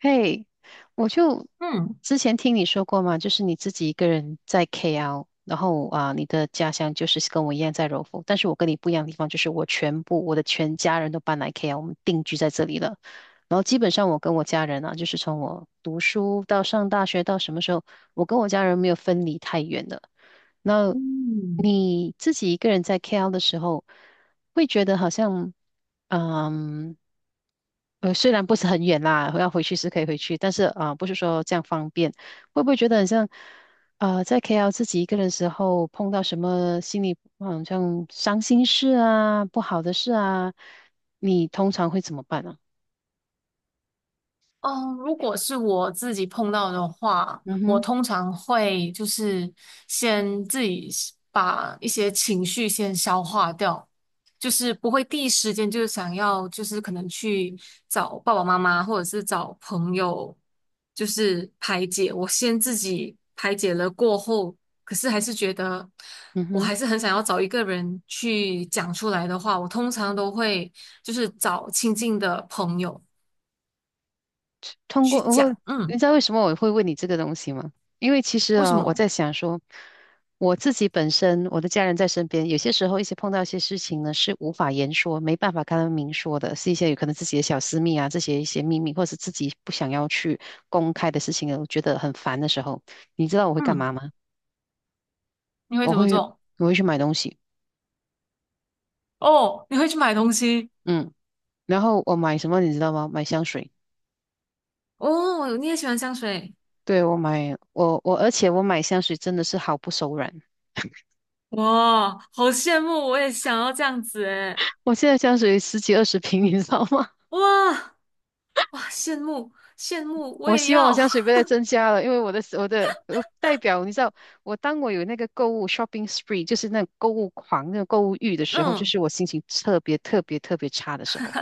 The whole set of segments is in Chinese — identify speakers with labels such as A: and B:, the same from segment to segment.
A: 嘿，我就
B: うん。
A: 之前听你说过嘛，就是你自己一个人在 KL，然后啊，你的家乡就是跟我一样在柔佛，但是我跟你不一样的地方就是我的全家人都搬来 KL，我们定居在这里了。然后基本上我跟我家人啊，就是从我读书到上大学到什么时候，我跟我家人没有分离太远的。那
B: うん。
A: 你自己一个人在 KL 的时候，会觉得好像，嗯。虽然不是很远啦，要回去是可以回去，但是啊、不是说这样方便。会不会觉得很像，在 KL 自己一个人的时候，碰到什么心里好像伤心事啊、不好的事啊，你通常会怎么办呢？
B: 嗯，如果是我自己碰到的话，
A: 嗯
B: 我
A: 哼。
B: 通常会就是先自己是把一些情绪先消化掉，就是不会第一时间就是想要就是可能去找爸爸妈妈或者是找朋友，就是排解。我先自己排解了过后，可是还是觉得
A: 嗯
B: 我
A: 哼。
B: 还是很想要找一个人去讲出来的话，我通常都会就是找亲近的朋友
A: 通
B: 去
A: 过，我，过
B: 讲，
A: 你知
B: 嗯。
A: 道为什么我会问你这个东西吗？因为其实
B: 为什
A: 啊，我
B: 么？
A: 在想说，我自己本身，我的家人在身边，有些时候一些碰到一些事情呢，是无法言说，没办法跟他们明说的，是一些有可能自己的小私密啊，这些一些秘密，或者是自己不想要去公开的事情啊，我觉得很烦的时候，你知道我会干
B: 嗯，
A: 嘛吗？
B: 你会
A: 我
B: 怎么
A: 会，
B: 做？
A: 我会去买东西，
B: 哦，你会去买东西。
A: 嗯，然后我买什么你知道吗？买香水，
B: 哦，你也喜欢香水。
A: 对，我买，我我，而且我买香水真的是毫不手软。
B: 哇，好羡慕，我也想要这样子诶。
A: 我现在香水十几二十瓶，你知道吗？
B: 哇，哇，羡慕，羡慕，我
A: 我
B: 也
A: 希望我
B: 要。
A: 香水不要再增加了，因为我的代表，你知道，当我有那个购物 shopping spree,就是那种购物狂、那种购物欲的时候，就
B: 嗯，
A: 是我心情特别特别特别差的时候。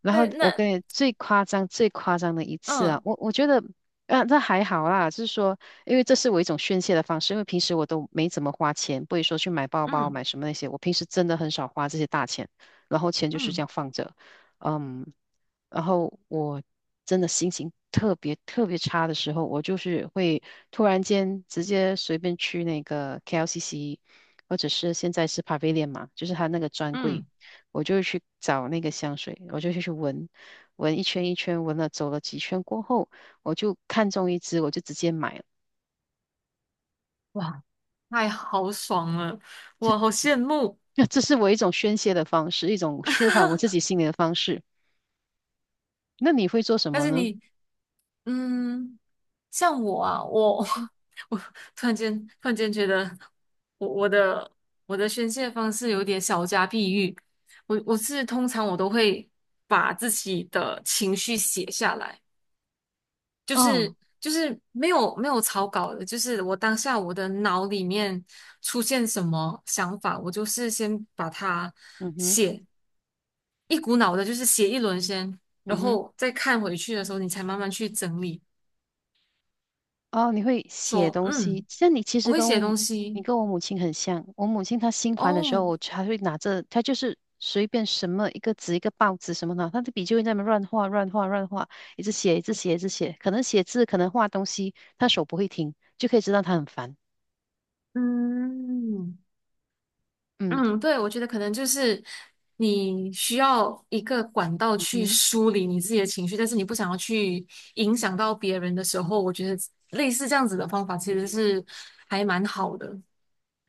A: 然后
B: 那
A: 我
B: 那
A: 跟你最夸张、最夸张的一次啊，
B: 嗯
A: 我觉得，啊，这还好啦，就是说，因为这是我一种宣泄的方式，因为平时我都没怎么花钱，不会说去买包包、
B: 嗯
A: 买什么那些，我平时真的很少花这些大钱，然后钱就是这
B: 嗯
A: 样放着，嗯，然后我真的心情特别特别差的时候，我就是会突然间直接随便去那个 KLCC，或者是现在是 Pavilion 嘛，就是他那个专柜。
B: 嗯，
A: 我就去找那个香水，我就去闻，闻一圈一圈，闻了走了几圈过后，我就看中一支，我就直接买了。
B: 哇，太豪爽了，哇，好羡慕。
A: 那这是我一种宣泄的方式，一种舒缓我自己心里的方式。那你会做什
B: 但
A: 么
B: 是
A: 呢？
B: 你，嗯。像我啊，我 我突然间觉得我我的我的宣泄方式有点小家碧玉。我是通常我都会把自己的情绪写下来，就是
A: 啊，
B: 就是没有草稿的，就是我当下我的脑里面出现什么想法，我就是先把它
A: 嗯哼，
B: 写一股脑的，就是写一轮先，然
A: 嗯哼。
B: 后再看回去的时候，你才慢慢去整理，
A: 哦，你会写
B: 说
A: 东西，
B: 嗯。
A: 像你其
B: 我
A: 实
B: 会
A: 跟
B: 写
A: 我，
B: 东
A: 你
B: 西，
A: 跟我母亲很像。我母亲她心烦的时候，
B: 哦，
A: 我还会拿着，她就是随便什么一个纸、一个报纸什么的，她的笔就会在那边乱画、乱画、乱画，一直写、一直写、一直写。可能写字，可能画东西，她手不会停，就可以知道她很烦。
B: 嗯
A: 嗯。
B: 嗯，对，我觉得可能就是你需要一个管道去
A: 嗯
B: 梳理你自己的情绪，但是你不想要去影响到别人的时候，我觉得类似这样子的方法其实是还蛮好的。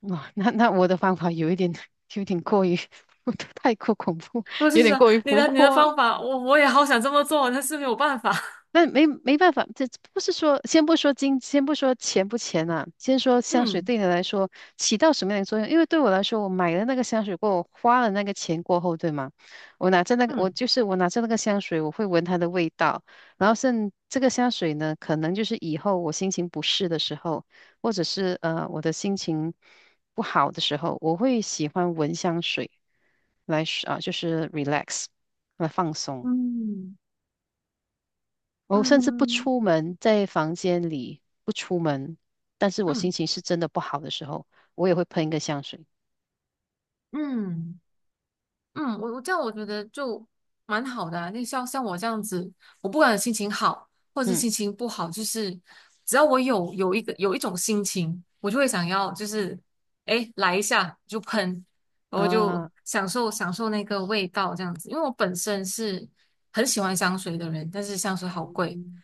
A: 哇，那我的方法有一点，有一点过于，太过恐怖，
B: 我
A: 有
B: 就
A: 点
B: 想
A: 过于
B: 你
A: 浮
B: 的你的
A: 夸。
B: 方法，我也好想这么做，但是没有办法。
A: 那没办法，这不是说，先不说金，先不说钱不钱呐，先说香水
B: 嗯
A: 对你来说起到什么样的作用？因为对我来说，我买了那个香水过后，我花了那个钱过后，对吗？我拿着那个，我
B: 嗯
A: 就是我拿着那个香水，我会闻它的味道，然后这个香水呢，可能就是以后我心情不适的时候，或者是我的心情不好的时候，我会喜欢闻香水来啊，就是 relax 来放松。
B: 嗯
A: 我甚至不
B: 嗯
A: 出门，在房间里不出门，但是我心
B: 嗯。
A: 情是真的不好的时候，我也会喷一个香水。
B: 嗯嗯，我这样我觉得就蛮好的啊。那像我这样子，我不管心情好或者是
A: 嗯
B: 心情不好，就是只要我有一种心情，我就会想要就是哎来一下就喷，然后就
A: 啊。
B: 享受享受那个味道这样子。因为我本身是很喜欢香水的人，但是香水好贵，
A: 嗯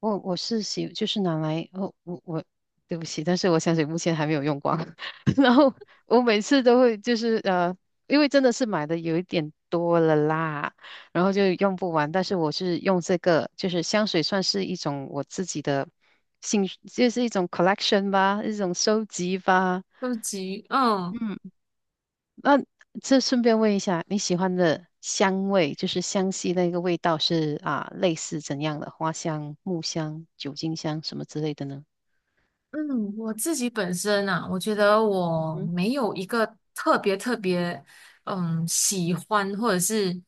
A: 我就是拿来哦，我对不起，但是我香水目前还没有用光。然后我每次都会就是因为真的是买的有一点多了啦，然后就用不完。但是我是用这个，就是香水算是一种我自己的兴趣就是一种 collection 吧，一种收集吧。
B: 都是急，嗯，
A: 嗯。那这顺便问一下，你喜欢的香味，就是香系那个味道是啊，类似怎样的？花香、木香、酒精香什么之类的呢？
B: 嗯，我自己本身啊，我觉得我
A: 嗯
B: 没有一个特别特别，嗯，喜欢或者是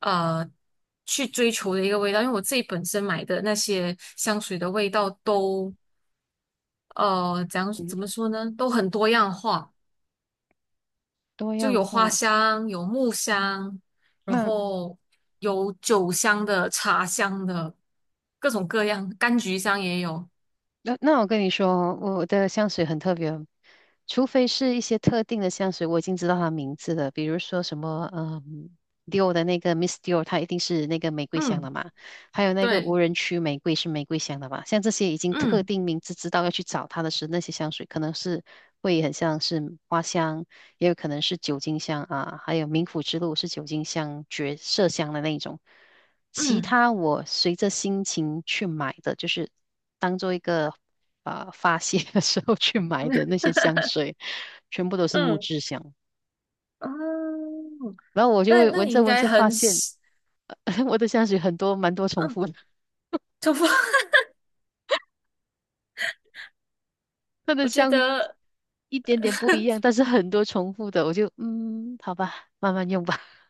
B: 呃去追求的一个味道，因为我自己本身买的那些香水的味道都怎么
A: 嗯，
B: 说呢，都很多样化，
A: 多
B: 就
A: 样
B: 有花
A: 化。
B: 香，有木香，然
A: 那
B: 后有酒香的、茶香的，各种各样，柑橘香也有。
A: 那我跟你说哦我的香水很特别哦除非是一些特定的香水，我已经知道它名字了，比如说什么，Dior 的那个 Miss Dior，它一定是那个玫瑰香的
B: 嗯，
A: 嘛，还有那个
B: 对，
A: 无人区玫瑰是玫瑰香的嘛，像这些已经特
B: 嗯
A: 定名字知道要去找它的是那些香水，可能是会很像是花香，也有可能是酒精香啊，还有冥府之路是酒精香、绝色香的那一种。其
B: 嗯。
A: 他我随着心情去买的，就是当做一个啊、发泄的时候去买的那 些香水，全部都是木
B: 嗯
A: 质香。
B: 哦，
A: 然后我就
B: 那
A: 会
B: 那
A: 闻
B: 你
A: 着
B: 应
A: 闻
B: 该
A: 着发
B: 很
A: 现，
B: 喜，
A: 我的香水很多蛮多重
B: 嗯，
A: 复的，
B: 头发，
A: 它的
B: 我觉
A: 香
B: 得，
A: 一点点不一样，但是很多重复的，我就嗯，好吧，慢慢用吧。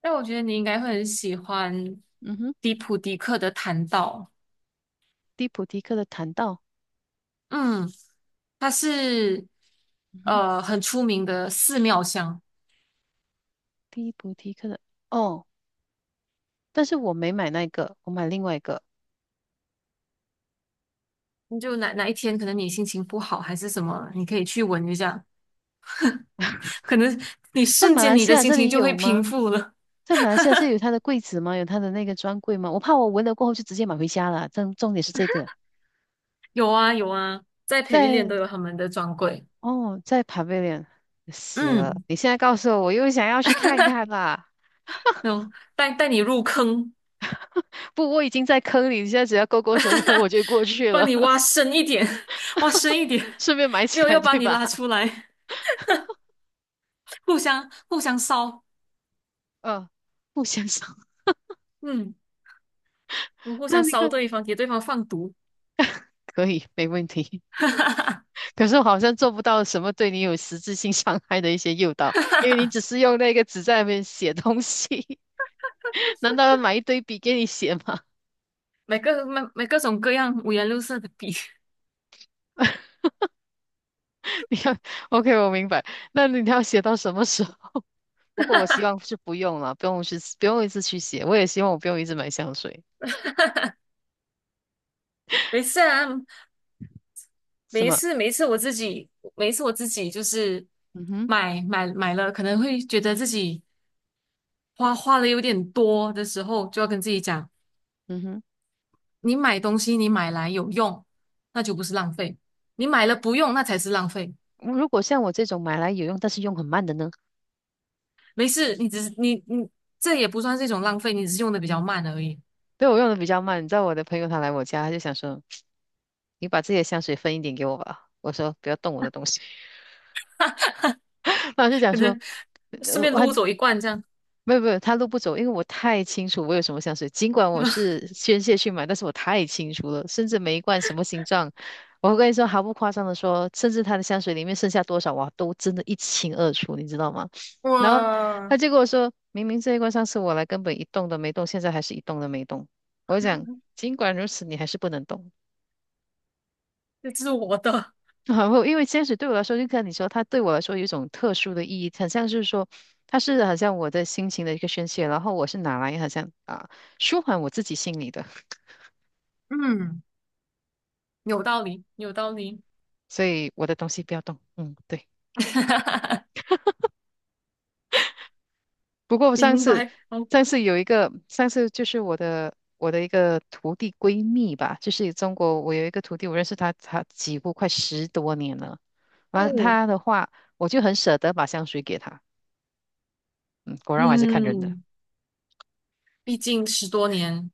B: 但我觉得你应该会很喜欢
A: 嗯哼，
B: 迪普迪克的弹道，
A: 蒂普提克的檀道，
B: 嗯，它是
A: 嗯哼，
B: 很出名的寺庙香，
A: 蒂普提克的哦，但是我没买那个，我买另外一个，
B: 你就哪一天可能你心情不好还是什么，你可以去闻一下，可能你
A: 在
B: 瞬
A: 马
B: 间
A: 来
B: 你
A: 西
B: 的
A: 亚
B: 心
A: 这
B: 情
A: 里
B: 就会
A: 有
B: 平
A: 吗？
B: 复了。
A: 在马来西亚这有他的柜子吗？有他的那个专柜吗？我怕我闻了过后就直接买回家了。重点是这个，
B: 有啊有啊，在 PAV
A: 在
B: 都有他们的专柜，
A: 哦，在 Pavilion 死了。
B: 嗯，
A: 你现在告诉我，我又想要去看看啦。
B: 那种带带你入坑。
A: 不，我已经在坑里，你现在只要勾勾手指头我就过去
B: 帮
A: 了，
B: 你挖 深一点，挖深一点，
A: 顺便买
B: 没
A: 起
B: 有
A: 来，
B: 要把
A: 对
B: 你
A: 吧？
B: 拉出来，互相互相烧，
A: 嗯。不相上，
B: 嗯，我们 互
A: 那
B: 相
A: 那
B: 烧
A: 个
B: 对方，给对方放毒，
A: 可以没问题。
B: 哈哈哈，
A: 可是我好像做不到什么对你有实质性伤害的一些诱导，因为你只是用那个纸在那边写东西，难道要买一堆笔给你写吗？
B: 买各种各样五颜六色的笔，
A: 你看 OK，我明白。那你要写到什么时候？不过我希望是不用了，不用去，不用一直去写。我也希望我不用一直买香水，
B: 没事啊，
A: 什
B: 没
A: 么？
B: 事一次我自己每一次我自己就是
A: 嗯哼。
B: 买买买了，可能会觉得自己花的有点多的时候，就要跟自己讲，
A: 嗯哼。
B: 你买东西你买来有用，那就不是浪费，你买了不用，那才是浪费。
A: 如果像我这种买来有用，但是用很慢的呢？
B: 没事，你只是你这也不算是一种浪费，你只是用的比较慢而已，
A: 对，我用的比较慢。你知道我的朋友他来我家，他就想说：“你把自己的香水分一点给我吧。”我说：“不要动我的东西。然后就讲
B: 可
A: 说：
B: 能顺便
A: 我
B: 撸走一罐这样。
A: 没有没有，他路不走，因为我太清楚我有什么香水。尽管我 是宣泄去买，但是我太清楚了，甚至每一罐什么形状，我跟你说毫不夸张的说，甚至他的香水里面剩下多少，哇，都真的一清二楚，你知道吗？然后他
B: 哇，
A: 就跟我说，明明这一罐上次我来根本一动都没动，现在还是一动都没动。我就讲，尽管如此，你还是不能动。
B: 这是我的，
A: 然后，因为坚持对我来说，就像你说，它对我来说有一种特殊的意义，很像是说，它是好像我的心情的一个宣泄，然后我是拿来好像啊舒缓我自己心里的，
B: 嗯，有道理，有道理，
A: 所以我的东西不要动。嗯，对。不过我上
B: 明
A: 次，
B: 白，好
A: 上次有一个，就是我的一个徒弟闺蜜吧，就是中国，我有一个徒弟，我认识她，她几乎快十多年了。完了
B: 酷，
A: 她的话，我就很舍得把香水给她。嗯，果然我还是看人的。
B: 嗯，毕竟10多年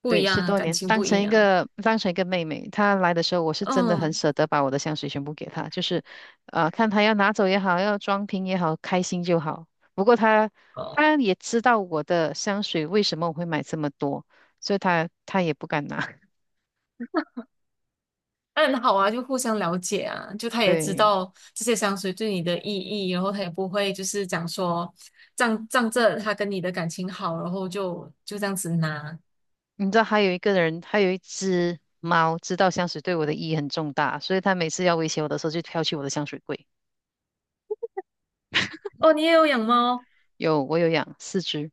B: 不一
A: 对，
B: 样，
A: 十
B: 啊，
A: 多
B: 感
A: 年，
B: 情
A: 当
B: 不一
A: 成一
B: 样，
A: 个当成一个妹妹，她来的时候，我是真的很
B: 嗯。
A: 舍得把我的香水全部给她，就是，看她要拿走也好，要装瓶也好，开心就好。不过她也知道我的香水为什么我会买这么多，所以她也不敢拿。
B: 嗯，好啊，就互相了解啊，就他也知
A: 对，
B: 道这些香水对你的意义，然后他也不会就是讲说仗着他跟你的感情好，然后就这样子拿。
A: 你知道还有一个人，还有一只猫，知道香水对我的意义很重大，所以它每次要威胁我的时候，就挑起我的香水柜。
B: 哦，你也有养猫？
A: 有，我有养四只。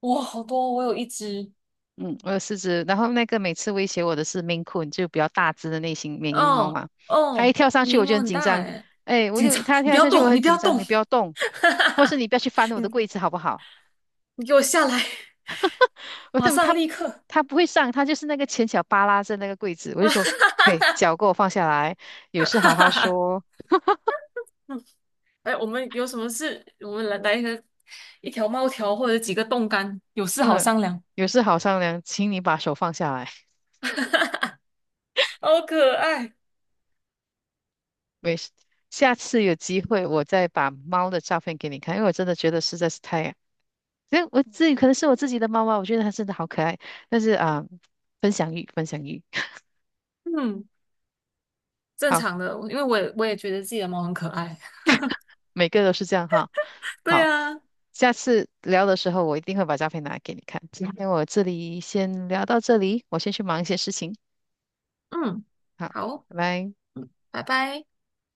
B: 哇，好多，我有一只。
A: 嗯，我有四只，然后那个每次威胁我的是 Maine Coon，就比较大只的那型缅因猫
B: 哦
A: 嘛。它一
B: 哦，
A: 跳上去
B: 眉
A: 我就
B: 毛
A: 很
B: 很
A: 紧
B: 大
A: 张，
B: 哎，
A: 哎，
B: 紧张，
A: 它
B: 你不
A: 跳
B: 要
A: 上去我
B: 动，你
A: 很
B: 不要
A: 紧张，
B: 动，
A: 你不要
B: 哈
A: 动，
B: 哈
A: 或是
B: 哈，
A: 你不要去翻我的
B: 你
A: 柜子好不好？
B: 你给我下来，
A: 我
B: 马
A: 怎么
B: 上
A: 它
B: 立刻，
A: 它不会上，它就是那个前脚扒拉着那个柜子，我就
B: 马
A: 说，
B: 上，
A: 嘿，脚给我放下来，有 事
B: 哈
A: 好
B: 哈
A: 好
B: 哈
A: 说，
B: 哎，我们有什么事，我们来来一个一条猫条或者几个冻干，有事好
A: 嗯，
B: 商量。
A: 有事好商量，请你把手放下来，
B: 好可爱。
A: 没事，下次有机会我再把猫的照片给你看，因为我真的觉得实在是太，所以我自己可能是我自己的猫猫，我觉得它真的好可爱。但是啊、分享欲，分享欲，
B: 嗯，正
A: 好，
B: 常的，因为我也觉得自己的猫很可爱。
A: 每个都是这样哈。
B: 对
A: 好，
B: 啊，
A: 下次聊的时候我一定会把照片拿给你看。今天我这里先聊到这里，我先去忙一些事情。
B: 嗯，
A: 好，
B: 好，
A: 拜拜。
B: 拜拜。